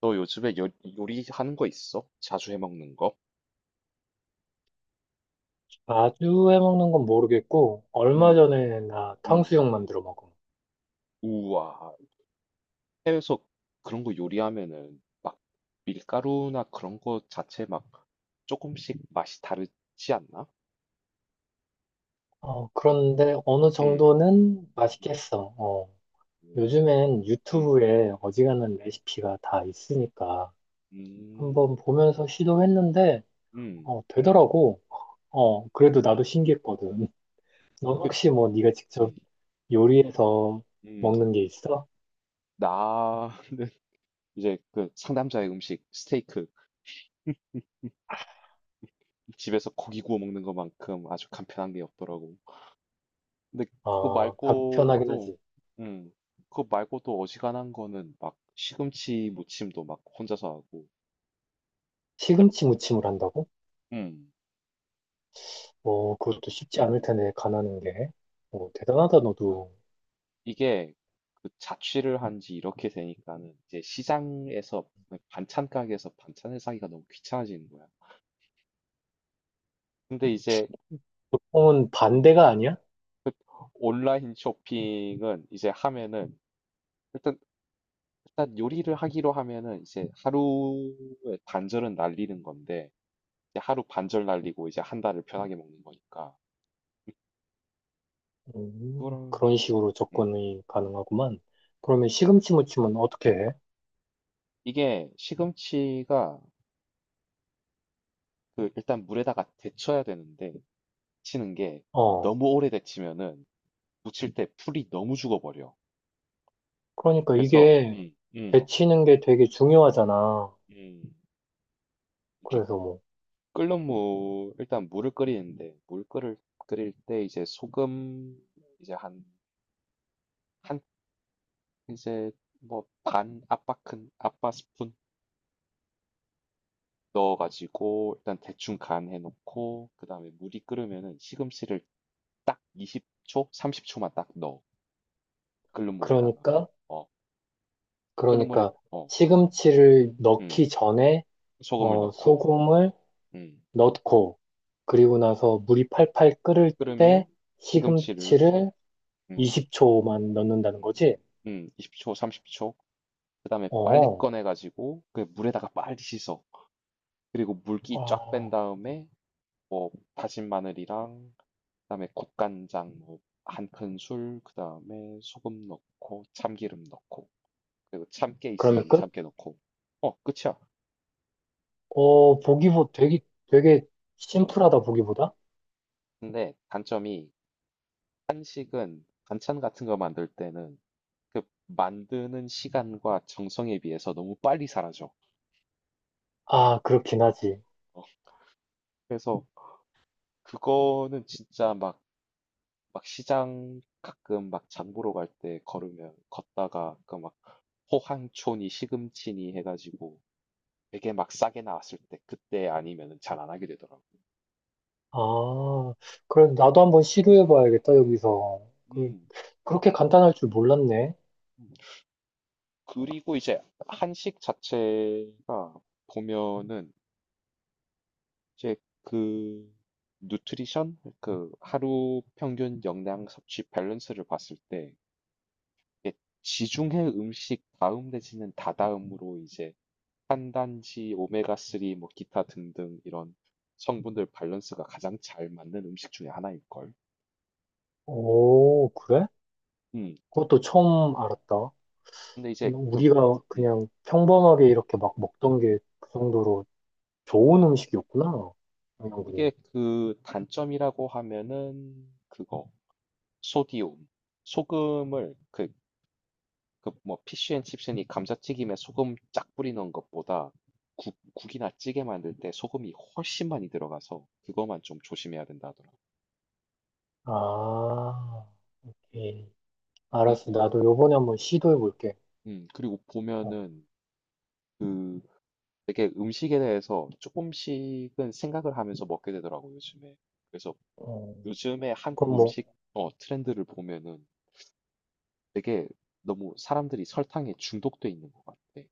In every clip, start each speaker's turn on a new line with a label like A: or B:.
A: 너 요리하는 거 있어? 자주 해 먹는 거?
B: 자주 해먹는 건 모르겠고, 얼마
A: 음,
B: 전에 나
A: 음.
B: 탕수육 만들어 먹어.
A: 우와. 해외에서 그런 거 요리하면은 막 밀가루나 그런 거 자체 막 조금씩 맛이 다르지 않나?
B: 어, 그런데 어느
A: 음,
B: 정도는
A: 음,
B: 맛있겠어. 어, 요즘엔
A: 음,
B: 유튜브에 어지간한 레시피가 다 있으니까
A: 음,
B: 한번 보면서 시도했는데,
A: 음,
B: 어, 되더라고.
A: 음,
B: 어, 그래도 나도
A: 어,
B: 신기했거든. 넌 혹시 뭐 네가 직접
A: 음,
B: 요리해서
A: 음.
B: 먹는 게 있어?
A: 나는 그 상남자의 음식, 스테이크, 집에서 고기 구워 먹는 것만큼 아주 간편한 게 없더라고. 근데 그거
B: 아, 간편하긴
A: 말고도,
B: 하지.
A: 음, 그거 말고도 어지간한 거는 막 시금치 무침도 막 혼자서 하고, 이제,
B: 시금치 무침을 한다고?
A: 음,
B: 어, 그것도 쉽지
A: 음.
B: 않을 텐데, 가나는 게. 어, 대단하다,
A: 어,
B: 너도.
A: 이게 그 자취를 한지 이렇게 되니까는 이제 시장에서 네, 반찬 가게에서 반찬을 사기가 너무 귀찮아지는 거야. 근데 이제
B: 어,
A: 음.
B: 반대가 아니야?
A: 그 온라인 쇼핑은 이제 하면은 일단 일단 요리를 하기로 하면은 이제 하루에 반절은 날리는 건데 이제 하루 반절 날리고 이제 한 달을 편하게 먹는 거니까. 그거랑
B: 그런 식으로
A: 음,
B: 접근이 가능하구만. 그러면
A: 음.
B: 시금치 무침은 어떻게 해?
A: 이게 시금치가 그 일단 물에다가 데쳐야 되는데 데치는 게
B: 어,
A: 너무 오래 데치면은 무칠 때 풀이 너무 죽어버려.
B: 그러니까
A: 그래서
B: 이게 데치는 게 되게 중요하잖아.
A: 음. 이렇게
B: 그래서 뭐,
A: 끓는 물 일단 물을 끓이는데 물 끓을 끓일 때 소금 이제 한한 이제 뭐 반 아빠 큰 아빠 스푼 넣어가지고 일단 대충 간 해놓고 그 다음에 물이 끓으면은 시금치를 딱 20초, 30초만 딱 넣어 끓는 물에다가
B: 그러니까,
A: 어 끓는 물에
B: 그러니까
A: 어
B: 시금치를
A: 음,
B: 넣기 전에,
A: 소금을
B: 어,
A: 넣고
B: 소금을
A: 음
B: 넣고, 그리고 나서 물이 팔팔 끓을
A: 끓으면
B: 때
A: 시금치를
B: 시금치를
A: 음,
B: 20초만 넣는다는
A: 음,
B: 거지?
A: 20초, 30초 그 다음에 빨리
B: 어,
A: 꺼내가지고 그 물에다가 빨리 씻어. 그리고 물기 쫙 뺀
B: 아,
A: 다음에 뭐 다진 마늘이랑 그다음에 국간장 뭐 한 큰술 그다음에 소금 넣고 참기름 넣고 그리고 참깨
B: 그러면
A: 있으면
B: 끝?
A: 참깨 넣고 어 끝이야.
B: 어, 보기보 되게
A: 음.
B: 심플하다, 보기보다?
A: 근데 단점이 한식은 반찬 같은 거 만들 때는 그 만드는 시간과 정성에 비해서 너무 빨리 사라져.
B: 아, 그렇긴 하지.
A: 어, 그래서 그거는 진짜 막 시장 가끔 막 장 보러 갈 때 걸으면 걷다가 그막 호황초니 시금치니 해가지고 되게 막 싸게 나왔을 때 그때 아니면 잘 안 하게 되더라고요.
B: 아, 그래, 나도 한번
A: 음,
B: 시도해봐야겠다, 여기서. 그,
A: 음,
B: 그렇게 간단할 줄 몰랐네.
A: 음. 그리고 이제 한식 자체가 보면은 이제 그 누트리션 그 하루 평균 영양 섭취 밸런스를 봤을 때 이게 지중해 음식 다음 내지는 다다음으로 이제 탄단지 오메가3 뭐 기타 등등 이런 성분들 밸런스가 가장 잘 맞는 음식 중에 하나일 걸.
B: 오, 그래?
A: 음.
B: 그것도 처음 알았다.
A: 근데 이제 그
B: 우리가
A: 음,
B: 그냥 평범하게 이렇게 막 먹던
A: 음.
B: 게 그 정도로 좋은 음식이었구나.
A: 이게
B: 영양분이.
A: 그 단점이라고 하면은 그거 소디움 소금을 뭐 피쉬앤칩스니 감자튀김에 소금 쫙 뿌리는 것보다 국 국이나 찌개 만들 때 소금이 훨씬 많이 들어가서 그거만 좀 조심해야 된다 하더라.
B: 아, 예 알았어.
A: 그리고
B: 나도 요번에 한번 시도해볼게.
A: 그리고
B: 어,
A: 보면은 그 되게 음식에 대해서 조금씩은 생각을 하면서 먹게 되더라고 요즘에. 그래서
B: 어.
A: 요즘에 한국
B: 그럼 뭐,
A: 음식 어 트렌드를 보면은 되게 너무 사람들이 설탕에 중독돼 있는 것 같아.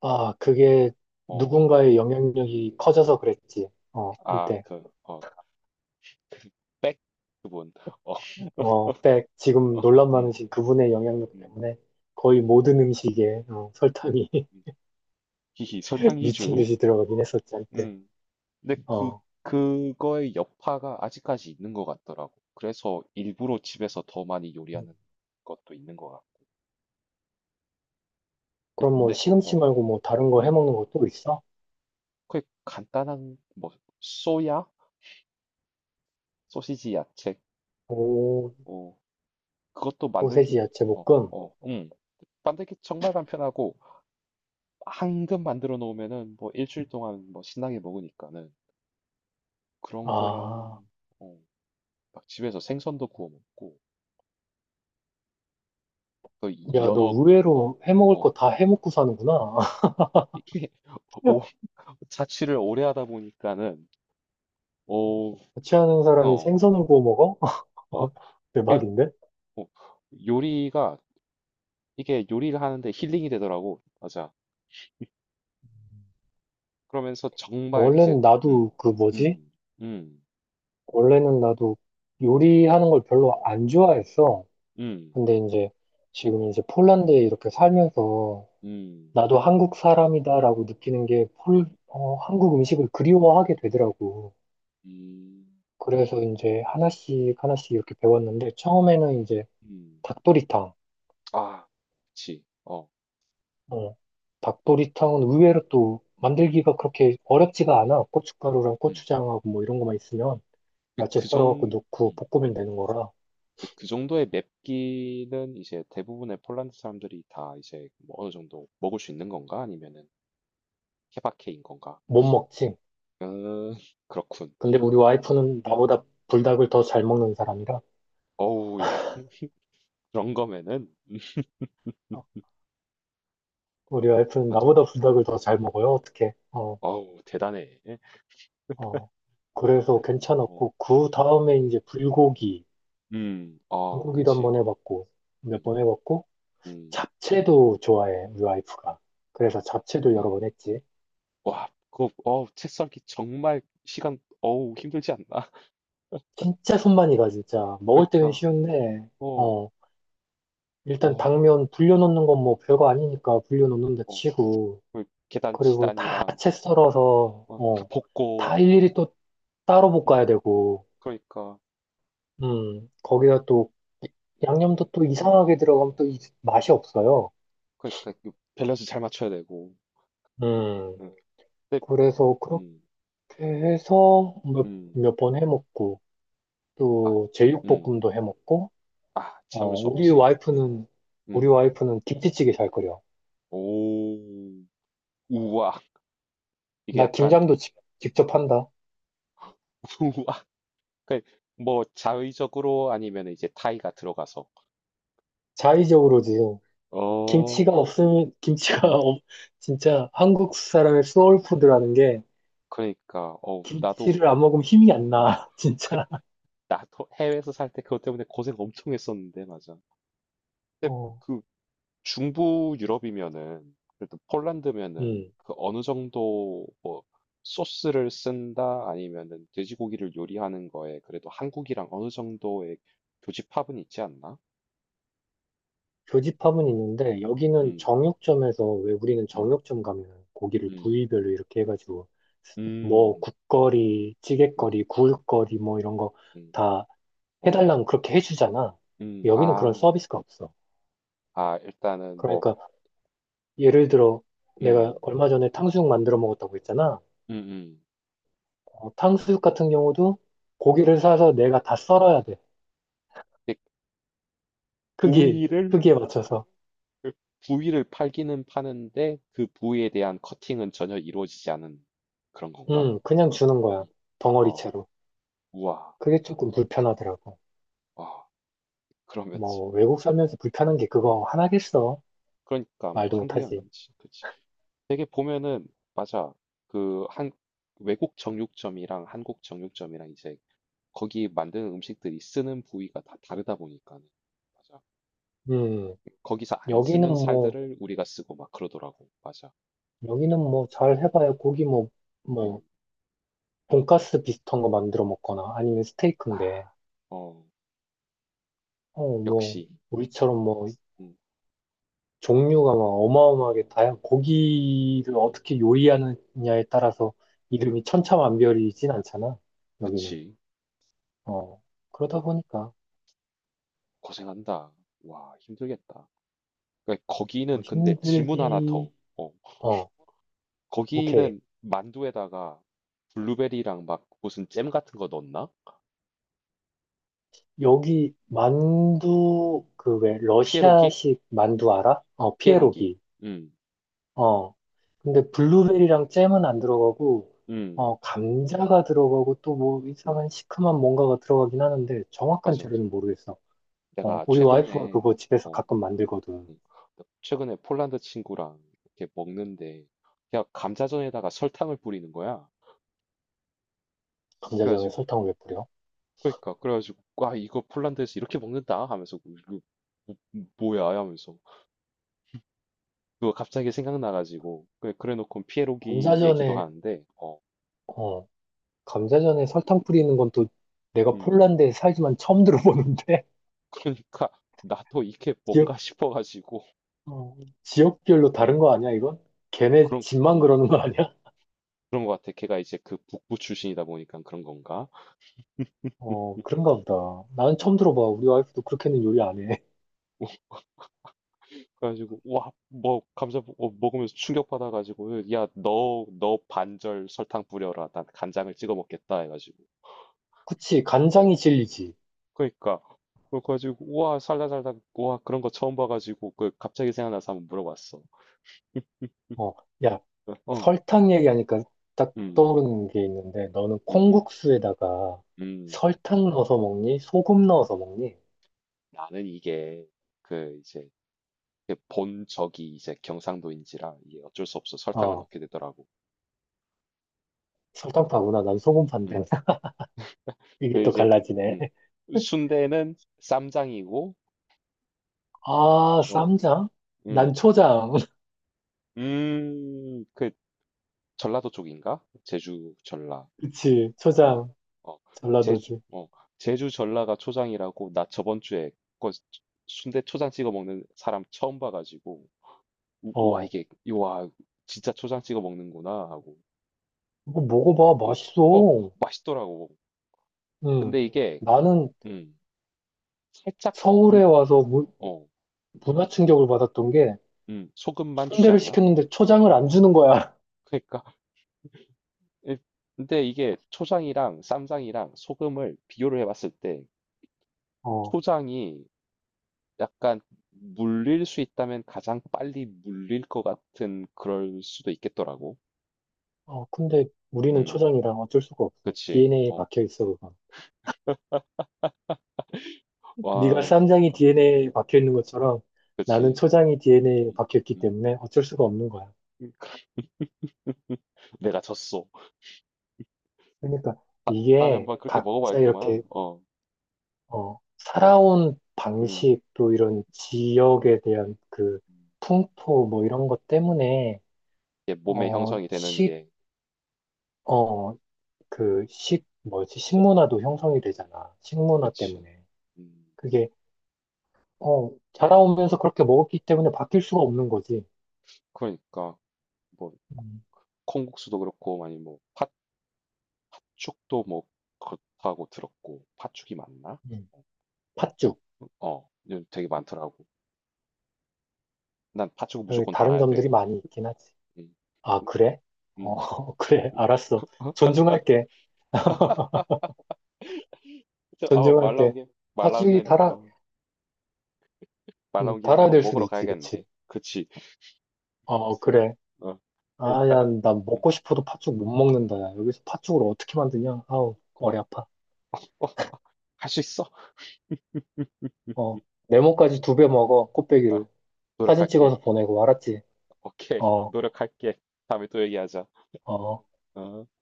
B: 아, 그게
A: 어,
B: 누군가의 영향력이 커져서 그랬지. 어,
A: 아,
B: 한때.
A: 그, 어, 백 그분. 어,
B: 어, 백, 지금 논란
A: 음,
B: 많으신 그분의 영향력
A: 음,
B: 때문에 거의 모든 음식에 어,
A: 음,
B: 설탕이
A: 음. 히히, 설탕
B: 미친
A: 이주.
B: 듯이 들어가긴 했었지, 한때.
A: 음. 근데 그,
B: 어,
A: 그거의 여파가 아직까지 있는 것 같더라고. 그래서 일부러 집에서 더 많이
B: 음.
A: 요리하는 것도 있는 것 같아.
B: 그럼 뭐
A: 근데,
B: 시금치
A: 어,
B: 말고 뭐 다른 거
A: 음,
B: 해먹는 거 또 있어?
A: 그 간단한, 뭐, 소야? 소시지 야채.
B: 오,
A: 어, 그것도 만들기,
B: 소세지 야채
A: 어,
B: 볶음.
A: 어, 음. 만들기 정말 간편하고, 한근 만들어 놓으면은 뭐 일주일 동안 뭐 신나게 먹으니까는 그런
B: 아,
A: 거랑 어, 막 집에서 생선도 구워 먹고 또
B: 야, 너
A: 연어. 어,
B: 의외로 해먹을 거
A: 어
B: 다 해먹고 사는구나.
A: 이게 오, 자취를 오래 하다 보니까는 오,
B: 같이 하는 사람이
A: 어,
B: 생선을 구워 먹어?
A: 어, 그게
B: 대박인데?
A: 어, 요리가 이게 요리를 하는데 힐링이 되더라고. 맞아. 그러면서 정말 이제
B: 원래는 나도
A: 음,
B: 그 뭐지?
A: 음, 음,
B: 원래는 나도 요리하는 걸 별로 안 좋아했어.
A: 음,
B: 근데 이제 지금 이제 폴란드에 이렇게 살면서
A: 음,
B: 나도 한국 사람이다라고 느끼는 게 한국 음식을 그리워하게 되더라고.
A: 음,
B: 그래서 이제 하나씩 하나씩 이렇게 배웠는데 처음에는 이제
A: 음,
B: 닭도리탕.
A: 아, 그치.
B: 어, 닭도리탕은 의외로 또 만들기가 그렇게 어렵지가 않아. 고춧가루랑
A: 음.
B: 고추장하고 뭐 이런 것만 있으면
A: 그,
B: 야채
A: 그
B: 썰어갖고
A: 정,
B: 넣고
A: 음.
B: 볶으면 되는 거라
A: 그그 정도의 맵기는 이제 대부분의 폴란드 사람들이 다 이제 뭐 어느 정도 먹을 수 있는 건가? 아니면은 케바케인 건가?
B: 못 먹지.
A: 음, 그렇군.
B: 근데 우리
A: 음.
B: 와이프는 나보다 불닭을 더 잘 먹는 사람이라,
A: 어우, 야, 그런 거면은,
B: 어, 우리 와이프는
A: 맞아.
B: 나보다
A: 음.
B: 불닭을 더 잘 먹어요. 어떻게? 어,
A: 어우, 대단해.
B: 어. 그래서
A: 어.
B: 괜찮았고, 그
A: 음,
B: 다음에 이제 불고기,
A: 어,
B: 불고기도 한
A: 그치.
B: 번 해봤고, 몇
A: 음,
B: 번 해봤고,
A: 음.
B: 잡채도 좋아해, 우리 와이프가. 그래서 잡채도 여러
A: 어,
B: 번 했지.
A: 와, 그거, 책 써기 정말 시간, 어우, 힘들지 않나?
B: 진짜 손만이 가, 진짜. 먹을 때는
A: 그러니까,
B: 쉬운데,
A: 어,
B: 어, 일단
A: 어,
B: 당면 불려놓는 건 뭐 별거 아니니까 불려놓는다
A: 어,
B: 치고,
A: 그 계단
B: 그리고 다
A: 지단이랑
B: 채 썰어서,
A: 막 다
B: 어,
A: 벗고
B: 다 일일이 또 따로
A: 음
B: 볶아야 되고,
A: 그러니까,
B: 거기다 또 양념도 또 이상하게 들어가면 또 맛이 없어요.
A: 그러니까 그 밸런스 잘 맞춰야 되고.
B: 음,
A: 음. 근데
B: 그래서 그렇게
A: 음.
B: 해서 몇,
A: 음.
B: 몇 번 해먹고,
A: 아.
B: 또
A: 음.
B: 제육볶음도 해먹고,
A: 아
B: 어,
A: 참을 수 없지. 음.
B: 우리
A: 음.
B: 와이프는 김치찌개 잘 끓여.
A: 오. 우와. 이게
B: 나
A: 약간
B: 김장도 직접 한다.
A: 우와. 그뭐 자의적으로 아니면 이제 타이가 들어가서.
B: 자의적으로 지금
A: 어.
B: 김치가 없으면, 김치가
A: 음.
B: 진짜 한국 사람의 소울푸드라는 게
A: 그러니까 어 나도
B: 김치를 안 먹으면 힘이 안
A: 음.
B: 나,
A: 그
B: 진짜.
A: 나도 해외에서 살 때 그것 때문에 고생 엄청 했었는데 맞아. 근데
B: 어,
A: 그 중부 유럽이면은 그래도 폴란드면은
B: 음.
A: 그 어느 정도 뭐 소스를 쓴다 아니면은 돼지고기를 요리하는 거에 그래도 한국이랑 어느 정도의 교집합은 있지 않나?
B: 교집합은 있는데, 여기는
A: 음,
B: 정육점에서, 왜 우리는
A: 음,
B: 정육점 가면 고기를
A: 음,
B: 부위별로 이렇게 해가지고, 뭐,
A: 음,
B: 국거리,
A: 맞,
B: 찌개거리, 구울거리, 뭐 이런 거
A: 음,
B: 다
A: 어,
B: 해달라면 그렇게 해주잖아. 여기는 그런
A: 아,
B: 서비스가 없어.
A: 아, 일단은 뭐,
B: 그러니까, 예를 들어, 내가
A: 음,
B: 얼마 전에 탕수육 만들어 먹었다고 했잖아.
A: 음, 음,
B: 어, 탕수육 같은 경우도 고기를 사서 내가 다 썰어야 돼.
A: 이게
B: 크기,
A: 부위를
B: 크기에 맞춰서.
A: 그 부위를 팔기는 파는데 그 부위에 대한 커팅은 전혀 이루어지지 않은 그런 건가?
B: 그냥 주는 거야.
A: 음. 어.
B: 덩어리채로.
A: 우와.
B: 그게 조금 불편하더라고.
A: 아 그러면서
B: 뭐, 외국 살면서 불편한 게
A: 음
B: 그거 하나겠어.
A: 그러니까 뭐
B: 말도
A: 한두 개
B: 못하지.
A: 아니지. 그치. 되게 보면은 맞아. 그 한 외국 정육점이랑 한국 정육점이랑 이제 거기 만드는 음식들이 쓰는 부위가 다 다르다 보니까는. 맞아.
B: 음,
A: 거기서 안
B: 여기는
A: 쓰는
B: 뭐,
A: 살들을 우리가 쓰고 막 그러더라고. 맞아.
B: 여기는 뭐, 잘 해봐야 고기 뭐,
A: 음.
B: 뭐, 돈가스 비슷한 거 만들어 먹거나 아니면 스테이크인데,
A: 어.
B: 어, 뭐,
A: 역시.
B: 우리처럼 뭐,
A: 음.
B: 종류가 막
A: 음.
B: 어마어마하게 다양, 고기를
A: 음.
B: 어떻게 요리하느냐에 따라서 이름이 천차만별이진 않잖아, 여기는.
A: 그치.
B: 어, 그러다
A: 뭐,
B: 보니까,
A: 고생한다. 와 힘들겠다. 그러니까
B: 뭐
A: 거기는 근데 질문 하나 더.
B: 힘들기,
A: 어.
B: 어, 오케이.
A: 거기는 만두에다가 블루베리랑 막 무슨 잼 같은 거 넣었나?
B: 여기 만두 그 왜
A: 피에로기?
B: 러시아식 만두 알아? 어
A: 피에로기.
B: 피에로기.
A: 음,
B: 어 근데 블루베리랑 잼은 안 들어가고
A: 음,
B: 어 감자가 들어가고 또 뭐 이상한
A: 음,
B: 시큼한 뭔가가 들어가긴 하는데 정확한
A: 맞아, 맞아.
B: 재료는 모르겠어. 어
A: 내가
B: 우리 와이프가
A: 최근에,
B: 그거 집에서
A: 어,
B: 가끔 만들거든.
A: 음, 최근에 폴란드 친구랑 이렇게 먹는데, 그냥 감자전에다가 설탕을 뿌리는 거야.
B: 감자전에
A: 그래가지고,
B: 설탕을 왜 뿌려?
A: 그러니까, 그래가지고, 와, 이거 폴란드에서 이렇게 먹는다? 하면서, 뭐, 이거 뭐야? 하면서. 그거 갑자기 생각나가지고, 그래, 그래 놓고 피에로기 얘기도
B: 감자전에
A: 하는데,
B: 어 감자전에 설탕 뿌리는 건 또 내가
A: 음.
B: 폴란드에 살지만 처음 들어보는데
A: 그러니까 나도 이게 뭔가 싶어가지고
B: 어, 지역별로 다른
A: 어,
B: 거 아니야, 이건? 걔네
A: 그런
B: 집만
A: 음,
B: 그러는 거 아니야?
A: 그런 것 같아. 걔가 이제 그 북부 출신이다 보니까 그런 건가?
B: 어, 그런가 보다. 나는 처음
A: 어,
B: 들어봐. 우리 와이프도
A: 어.
B: 그렇게는 요리 안 해.
A: 그래가지고 와뭐 먹으면서 충격받아가지고 야너 너 반절 설탕 뿌려라. 난 간장을 찍어 먹겠다 해가지고
B: 그치,
A: 어
B: 간장이 진리지.
A: 그러니까 그래가지고 우와 살다 살다 우와 그런 거 처음 봐가지고 그 갑자기 생각나서 한번 물어봤어.
B: 어, 야,
A: 어,
B: 설탕 얘기하니까 딱
A: 음,
B: 떠오르는 게 있는데, 너는
A: 음, 음,
B: 콩국수에다가
A: 음.
B: 설탕 넣어서 먹니? 소금 넣어서 먹니?
A: 나는 이게 그 이제 이렇게 본 적이 이제 경상도인지라 이게 어쩔 수 없어 설탕을
B: 어,
A: 넣게 되더라고.
B: 설탕파구나. 난
A: 음.
B: 소금파인데. 이게
A: 그
B: 또
A: 이제
B: 갈라지네.
A: 음. 순대는 쌈장이고
B: 아,
A: 어.
B: 쌈장? 난
A: 음.
B: 초장.
A: 그 전라도 쪽인가? 제주 전라.
B: 그치,
A: 어.
B: 초장.
A: 어. 제주
B: 전라도지.
A: 어. 제주 전라가 초장이라고 나 저번 주에 그 순대 초장 찍어 먹는 사람 처음 봐 가지고 와
B: 어,
A: 이게 와 진짜 초장 찍어 먹는구나 하고.
B: 이거 먹어봐.
A: 어. 어.
B: 맛있어.
A: 맛있더라고.
B: 음,
A: 근데 이게
B: 나는
A: 음. 살짝 물
B: 서울에
A: 어
B: 와서
A: 어
B: 문화 충격을 받았던 게
A: 소금만 주지
B: 순대를
A: 않나?
B: 시켰는데 초장을 안 주는 거야.
A: 그니까 예 근데 이게 초장이랑 쌈장이랑 소금을 비교를 해 봤을 때
B: 어,
A: 초장이 약간 물릴 수 있다면 가장 빨리 물릴 것 같은 그럴 수도 있겠더라고.
B: 어, 근데 우리는
A: 음.
B: 초장이랑 어쩔 수가 없어.
A: 그치.
B: DNA에
A: 어.
B: 박혀 있어, 그거.
A: 와.
B: 네가 쌈장이
A: 와,
B: DNA에 박혀 있는 것처럼 나는
A: 그치.
B: 초장이 DNA에
A: 음.
B: 박혀 있기
A: 음.
B: 때문에 어쩔 수가 없는 거야.
A: 음. 내가 졌어.
B: 그러니까
A: 다 다음에
B: 이게
A: 한번 그렇게 먹어
B: 각자 이렇게
A: 봐야겠구만. 어.
B: 어,
A: 음.
B: 살아온
A: 음.
B: 방식 또 이런 지역에 대한 그 풍토 뭐 이런 것 때문에
A: 이게 몸의
B: 어,
A: 형성이 되는
B: 식
A: 게.
B: 어, 식문화도 형성이 되잖아. 식문화
A: 그치.
B: 때문에.
A: 음.
B: 그게, 어, 자라오면서 그렇게 먹었기 때문에 바뀔 수가 없는 거지.
A: 그러니까 뭐
B: 음,
A: 콩국수도 그렇고 아니 뭐 팥 팥죽도 뭐 그렇다고 들었고 팥죽이 맞나?
B: 음. 팥죽.
A: 어, 요즘 되게 많더라고. 난 팥죽은
B: 어,
A: 무조건
B: 다른
A: 달아야 돼.
B: 점들이 많이 있긴 하지.
A: 응.
B: 아, 그래?
A: 음,
B: 어,
A: 음.
B: 그래. 알았어. 존중할게.
A: 어,
B: 존중할게.
A: 말 나온
B: 팥죽이
A: 김에
B: 달아,
A: 어, 말 나온 김에
B: 달아야
A: 한번
B: 될 수도
A: 먹으러
B: 있지.
A: 가야겠네.
B: 그치?
A: 그치?
B: 어, 그래.
A: 어,
B: 아, 야,
A: 이따가
B: 나
A: 음,
B: 먹고 싶어도 팥죽 못 먹는다. 야. 여기서 팥죽을 어떻게 만드냐? 아우,
A: 어,
B: 머리 아파.
A: 어, 할 수 있어.
B: 어,
A: 음,
B: 네모까지 두 배 먹어.
A: 아,
B: 꽃배기로. 사진
A: 노력할게.
B: 찍어서 보내고, 알았지?
A: 오케이,
B: 어,
A: 노력할게. 다음에 또 얘기하자.
B: 어.
A: 어.